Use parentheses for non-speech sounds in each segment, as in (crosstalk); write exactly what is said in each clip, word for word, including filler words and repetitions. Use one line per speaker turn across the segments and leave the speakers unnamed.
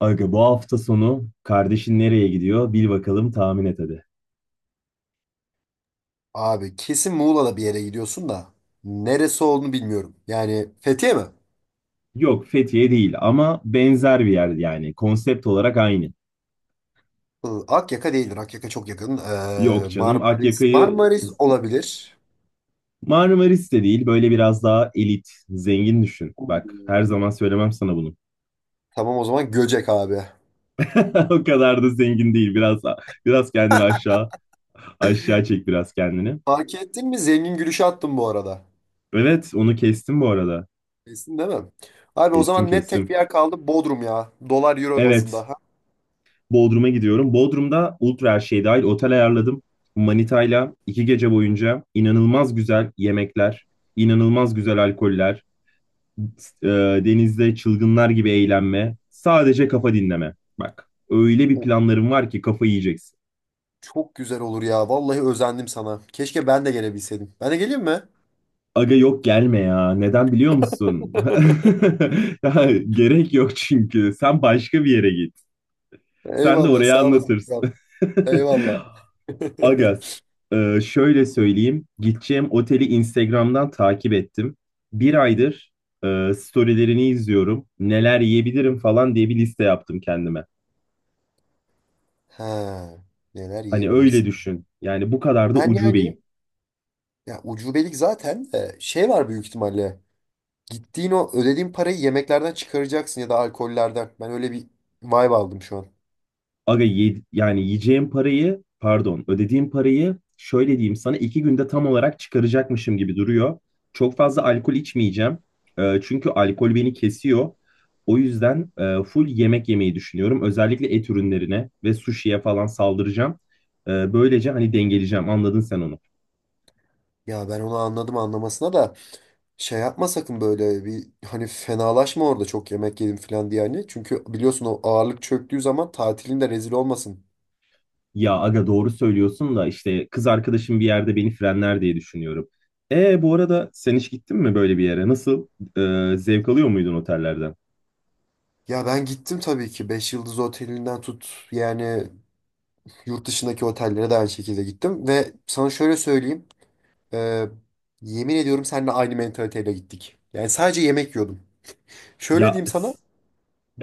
Aga bu hafta sonu kardeşin nereye gidiyor? Bil bakalım tahmin et hadi.
Abi kesin Muğla'da bir yere gidiyorsun da neresi olduğunu bilmiyorum. Yani Fethiye mi?
Yok Fethiye değil ama benzer bir yer yani. Konsept olarak aynı.
Hı, Akyaka değildir. Akyaka çok yakın. Ee,
Yok canım
Marmaris.
Akyaka'yı
Marmaris olabilir.
Marmaris de değil. Böyle biraz daha elit, zengin düşün. Bak her
Hmm.
zaman söylemem sana bunu.
Tamam, o zaman Göcek abi.
(laughs) O kadar da zengin değil. Biraz biraz kendini aşağı aşağı çek biraz kendini.
Fark ettin mi? Zengin gülüşü attım bu arada.
Evet onu kestim bu arada.
Kesin değil mi? Abi, o
Kestim
zaman net tek
kestim.
bir yer kaldı. Bodrum ya. Dolar euro
Evet,
bazında. Ha?
Bodrum'a gidiyorum. Bodrum'da ultra her şey dahil otel ayarladım. Manita'yla iki gece boyunca inanılmaz güzel yemekler, inanılmaz güzel alkoller, e, denizde çılgınlar gibi eğlenme, sadece kafa dinleme. Bak, öyle bir
Of,
planlarım var ki kafa yiyeceksin.
çok güzel olur ya. Vallahi özendim sana. Keşke ben de gelebilseydim. Ben de geleyim mi?
Aga yok gelme ya. Neden biliyor musun? (laughs)
(laughs)
Ya, gerek yok çünkü. Sen başka bir yere git. Sen de
Eyvallah, sağ
oraya
olasın.
anlatırsın.
Kral. Eyvallah.
(laughs) Agaz,
(laughs)
e, şöyle söyleyeyim. Gideceğim oteli Instagram'dan takip ettim. Bir aydır e, storylerini izliyorum. Neler yiyebilirim falan diye bir liste yaptım kendime.
Ha, neler
Hani öyle
yiyebilirsin.
düşün. Yani bu kadar da
Ben
ucubeyim.
yani ya ucubelik zaten de şey var büyük ihtimalle. Gittiğin o ödediğin parayı yemeklerden çıkaracaksın ya da alkollerden. Ben öyle bir vibe aldım şu an.
Aga ye- yani yiyeceğim parayı pardon ödediğim parayı şöyle diyeyim sana iki günde tam olarak çıkaracakmışım gibi duruyor. Çok fazla alkol içmeyeceğim. Ee, çünkü alkol beni kesiyor. O yüzden e, full yemek yemeyi düşünüyorum. Özellikle et ürünlerine ve sushi'ye falan saldıracağım. Ee, böylece hani dengeleyeceğim anladın sen onu.
Ya ben onu anladım anlamasına da şey yapma sakın böyle bir hani fenalaşma orada çok yemek yedim falan diye hani. Çünkü biliyorsun, o ağırlık çöktüğü zaman tatilinde rezil olmasın.
Ya aga doğru söylüyorsun da işte kız arkadaşım bir yerde beni frenler diye düşünüyorum. E bu arada sen hiç gittin mi böyle bir yere? Nasıl? Ee, zevk alıyor muydun otellerden?
Ya ben gittim tabii ki, beş yıldız otelinden tut yani yurt dışındaki otellere de aynı şekilde gittim ve sana şöyle söyleyeyim. Ee, yemin ediyorum, seninle aynı mentaliteyle gittik. Yani sadece yemek yiyordum. Şöyle
Ya
diyeyim sana.
s-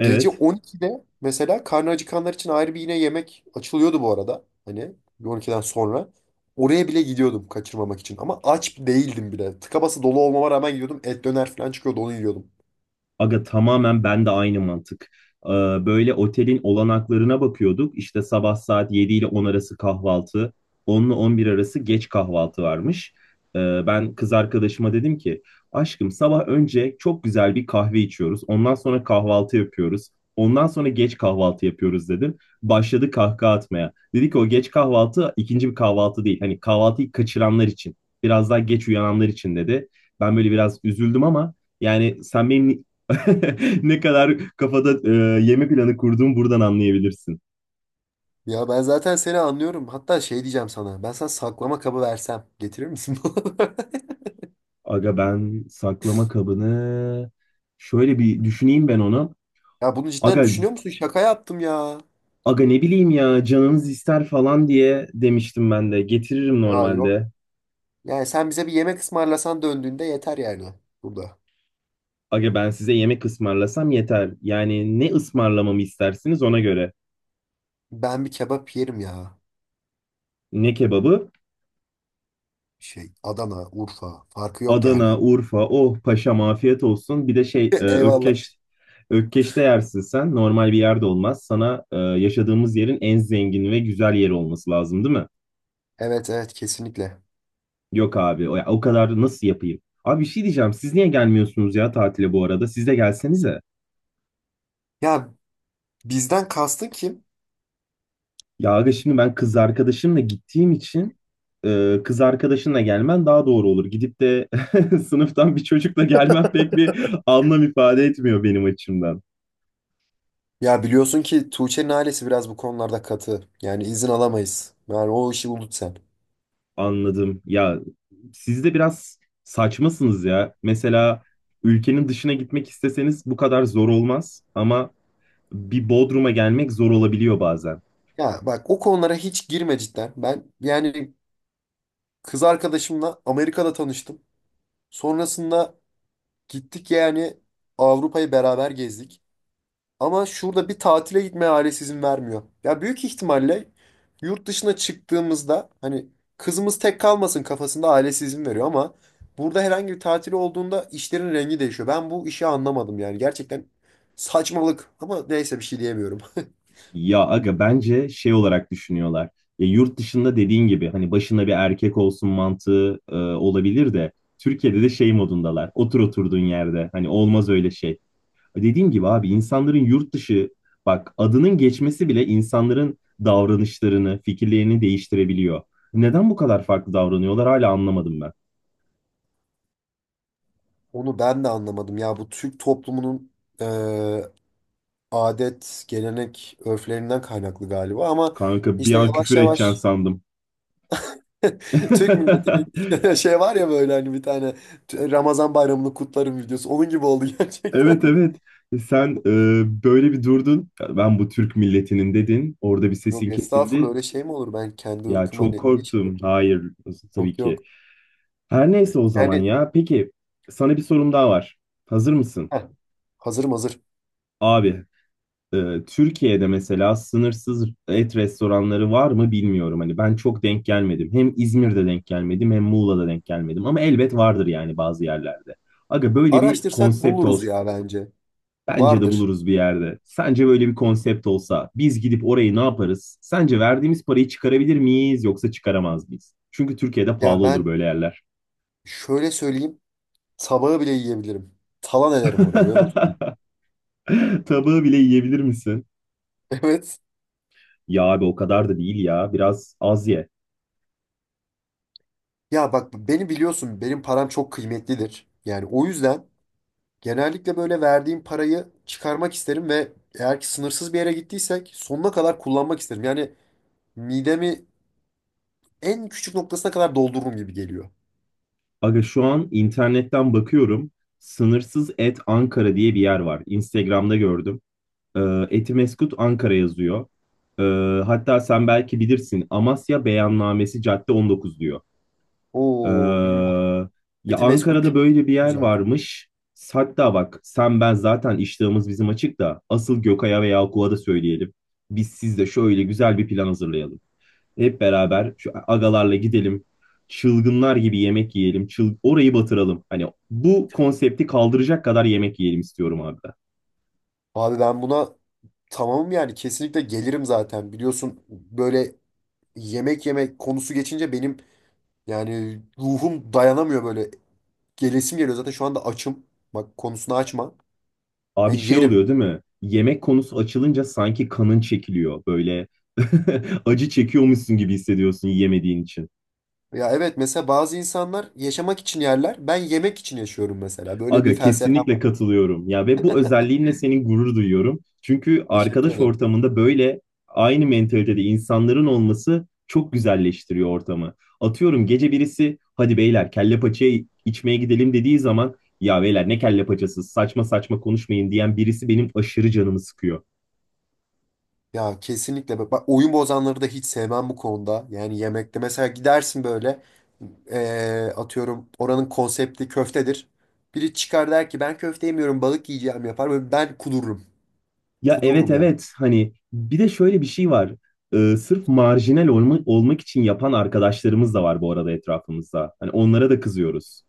Gece on ikide mesela karnı acıkanlar için ayrı bir yine yemek açılıyordu bu arada. Hani on ikiden sonra. Oraya bile gidiyordum kaçırmamak için. Ama aç değildim bile. Tıka basa dolu olmama rağmen gidiyordum. Et döner falan çıkıyordu, onu yiyordum.
Aga tamamen ben de aynı mantık. Ee, Böyle otelin olanaklarına bakıyorduk. İşte sabah saat yedi ile on arası kahvaltı, on ile on bir arası geç kahvaltı varmış. Ee, Ben kız arkadaşıma dedim ki, aşkım sabah önce çok güzel bir kahve içiyoruz. Ondan sonra kahvaltı yapıyoruz. Ondan sonra geç kahvaltı yapıyoruz dedim. Başladı kahkaha atmaya. Dedi ki o geç kahvaltı ikinci bir kahvaltı değil. Hani kahvaltıyı kaçıranlar için, biraz daha geç uyananlar için dedi. Ben böyle biraz üzüldüm ama yani sen benim (laughs) ne kadar kafada e, yeme planı kurduğumu buradan anlayabilirsin.
Ya ben zaten seni anlıyorum. Hatta şey diyeceğim sana. Ben sana saklama kabı versem getirir misin? (laughs) bana?
Aga ben saklama kabını şöyle bir düşüneyim ben onu.
Ya bunu cidden
Aga
düşünüyor musun? Şaka yaptım ya.
aga ne bileyim ya canınız ister falan diye demiştim ben de. Getiririm
Ya yok.
normalde.
Yani sen bize bir yemek ısmarlasan döndüğünde yeter yani burada.
Aga ben size yemek ısmarlasam yeter. Yani ne ısmarlamamı istersiniz ona göre.
Ben bir kebap yerim ya.
Ne kebabı?
Şey, Adana, Urfa farkı yok yani.
Adana, Urfa, oh paşam afiyet olsun. Bir de şey e,
(laughs) Eyvallah.
Ökkeş, Ökkeş'te yersin sen. Normal bir yerde olmaz. Sana e, yaşadığımız yerin en zengin ve güzel yeri olması lazım değil mi?
Evet evet kesinlikle.
Yok abi o, ya, o kadar nasıl yapayım? Abi bir şey diyeceğim. Siz niye gelmiyorsunuz ya tatile bu arada? Siz de gelsenize.
Ya bizden kastın kim?
Ya aga şimdi ben kız arkadaşımla gittiğim için e, kız arkadaşınla gelmen daha doğru olur. Gidip de (laughs) sınıftan bir çocukla gelmen pek bir anlam ifade etmiyor benim açımdan.
Ya biliyorsun ki Tuğçe'nin ailesi biraz bu konularda katı. Yani izin alamayız. Yani o işi unut sen.
Anladım. Ya siz de biraz saçmasınız ya. Mesela ülkenin dışına gitmek isteseniz bu kadar zor olmaz ama bir Bodrum'a gelmek zor olabiliyor bazen.
Ya bak, o konulara hiç girme cidden. Ben yani kız arkadaşımla Amerika'da tanıştım. Sonrasında gittik yani Avrupa'yı beraber gezdik. Ama şurada bir tatile gitmeye ailesi izin vermiyor. Ya büyük ihtimalle yurt dışına çıktığımızda hani kızımız tek kalmasın kafasında ailesi izin veriyor ama burada herhangi bir tatil olduğunda işlerin rengi değişiyor. Ben bu işi anlamadım yani, gerçekten saçmalık, ama neyse bir şey diyemiyorum.
Ya aga bence şey olarak düşünüyorlar. Ya yurt dışında dediğin gibi hani başında bir erkek olsun mantığı e, olabilir de Türkiye'de de şey modundalar. Otur oturduğun yerde. Hani olmaz öyle şey. Dediğim gibi abi insanların yurt dışı, bak adının geçmesi bile insanların davranışlarını, fikirlerini değiştirebiliyor. Neden bu kadar farklı davranıyorlar hala anlamadım ben.
(laughs) Onu ben de anlamadım ya, bu Türk toplumunun eee, adet, gelenek, örflerinden kaynaklı galiba ama
Kanka bir
işte
an
yavaş
küfür edeceksin
yavaş
sandım.
(laughs) Türk
(laughs)
milleti (laughs) şey var ya böyle hani, bir tane Ramazan bayramını kutlarım videosu. Onun gibi oldu (laughs)
Evet,
gerçekten.
evet. E, Sen e, böyle bir durdun. Ya ben bu Türk milletinin dedin. Orada bir
Yok
sesin
estağfurullah,
kesildi.
öyle şey mi olur? Ben kendi
Ya
ırkıma
çok
ne, niye şey
korktum.
yapayım?
Hayır, tabii
Yok yok.
ki. Her neyse o zaman
Yani
ya. Peki, sana bir sorum daha var. Hazır mısın?
heh, hazırım hazır.
Abi e, Türkiye'de mesela sınırsız et restoranları var mı bilmiyorum. Hani ben çok denk gelmedim. Hem İzmir'de denk gelmedim hem Muğla'da denk gelmedim. Ama elbet vardır yani bazı yerlerde. Aga böyle bir
Araştırsak
konsept
buluruz
olsa
ya bence.
bence de
Vardır.
buluruz bir yerde. Sence böyle bir konsept olsa biz gidip orayı ne yaparız? Sence verdiğimiz parayı çıkarabilir miyiz yoksa çıkaramaz mıyız? Çünkü Türkiye'de
Ya
pahalı olur
ben
böyle yerler.
şöyle söyleyeyim. Sabahı bile yiyebilirim. Talan ederim orayı, öyle söyleyeyim.
(laughs) Tabağı bile yiyebilir misin?
(laughs) Evet.
Ya abi o kadar da değil ya. Biraz az ye.
Ya bak beni biliyorsun. Benim param çok kıymetlidir. Yani o yüzden genellikle böyle verdiğim parayı çıkarmak isterim ve eğer ki sınırsız bir yere gittiysek sonuna kadar kullanmak isterim. Yani midemi en küçük noktasına kadar doldururum gibi geliyor.
Aga şu an internetten bakıyorum. Sınırsız et Ankara diye bir yer var. Instagram'da gördüm. Ee, Etimesgut Ankara yazıyor. Ee, Hatta sen belki bilirsin. Amasya Beyannamesi Cadde on dokuz diyor. Ee,
Oo, bilmem.
Ya
Eti meskut
Ankara'da böyle bir yer
uzak.
varmış. Hatta bak sen ben zaten iştahımız bizim açık da asıl Gökay'a ve Yakup'a da söyleyelim. Biz sizde şöyle güzel bir plan hazırlayalım. Hep beraber şu agalarla gidelim. Çılgınlar gibi yemek yiyelim. Çıl orayı batıralım. Hani bu konsepti kaldıracak kadar yemek yiyelim istiyorum abi. Ben.
Abi ben buna tamamım yani, kesinlikle gelirim zaten. Biliyorsun böyle yemek yemek konusu geçince benim yani ruhum dayanamıyor böyle. Gelesim geliyor zaten, şu anda açım. Bak, konusunu açma.
Abi
Yani
şey
yerim.
oluyor değil mi? Yemek konusu açılınca sanki kanın çekiliyor. Böyle (laughs) acı çekiyormuşsun gibi hissediyorsun yemediğin için.
Ya evet, mesela bazı insanlar yaşamak için yerler. Ben yemek için yaşıyorum mesela. Böyle bir
Aga
felsefem
kesinlikle
var.
katılıyorum. Ya ve bu özelliğinle senin gurur duyuyorum. Çünkü
Teşekkür
arkadaş
ederim.
ortamında böyle aynı mentalitede insanların olması çok güzelleştiriyor ortamı. Atıyorum gece birisi hadi beyler kelle paçayı içmeye gidelim dediği zaman ya beyler ne kelle paçası saçma saçma konuşmayın diyen birisi benim aşırı canımı sıkıyor.
Ya kesinlikle. Bak bak, oyun bozanları da hiç sevmem bu konuda. Yani yemekte mesela gidersin böyle, eee, atıyorum oranın konsepti köftedir. Biri çıkar der ki ben köfte yemiyorum, balık yiyeceğim yapar. Böyle ben kudururum.
Ya evet,
Kudururum yani.
evet, hani bir de şöyle bir şey var. Ee, sırf marjinal olma- olmak için yapan arkadaşlarımız da var bu arada etrafımızda. Hani onlara da kızıyoruz.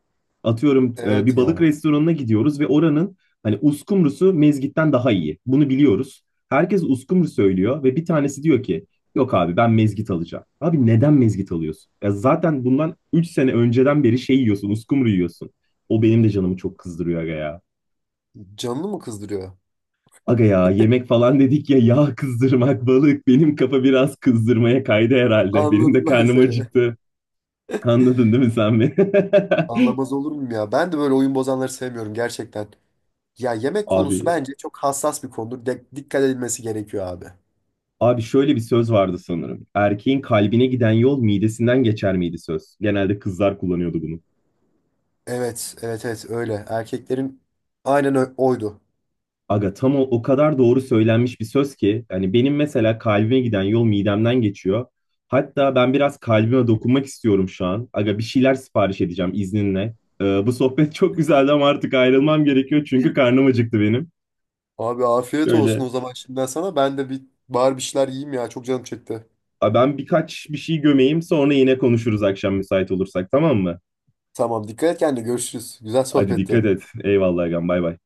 Atıyorum e,
Evet
bir balık
ya.
restoranına gidiyoruz ve oranın hani uskumrusu mezgitten daha iyi. Bunu biliyoruz. Herkes uskumru söylüyor ve bir tanesi diyor ki yok abi ben mezgit alacağım. Abi neden mezgit alıyorsun? Ya zaten bundan üç sene önceden beri şey yiyorsun, uskumru yiyorsun. O benim de canımı çok kızdırıyor aga ya.
Canını mı kızdırıyor?
Aga ya yemek falan dedik ya yağ kızdırmak balık benim kafa biraz kızdırmaya kaydı herhalde. Benim de
Anladım ben
karnım
seni.
acıktı. Anladın değil mi sen beni? (laughs)
Anlamaz olur muyum ya? Ben de böyle oyun bozanları sevmiyorum gerçekten. Ya yemek
Abi
konusu bence çok hassas bir konudur. De- dikkat edilmesi gerekiyor abi.
abi şöyle bir söz vardı sanırım. Erkeğin kalbine giden yol midesinden geçer miydi söz? Genelde kızlar kullanıyordu bunu.
Evet, evet, evet öyle. Erkeklerin aynen ö- oydu.
Aga tam o, o kadar doğru söylenmiş bir söz ki hani benim mesela kalbime giden yol midemden geçiyor. Hatta ben biraz kalbime dokunmak istiyorum şu an. Aga bir şeyler sipariş edeceğim izninle. Ee, bu sohbet (laughs) çok güzeldi ama artık ayrılmam gerekiyor çünkü karnım acıktı benim.
Abi afiyet olsun
Şöyle
o zaman şimdiden sana. Ben de bir bari bir şeyler yiyeyim ya. Çok canım çekti.
a, ben birkaç bir şey gömeyim sonra yine konuşuruz akşam müsait olursak tamam mı?
Tamam, dikkat et kendine, görüşürüz. Güzel
Hadi
sohbetti.
dikkat et. Eyvallah agam bay bay.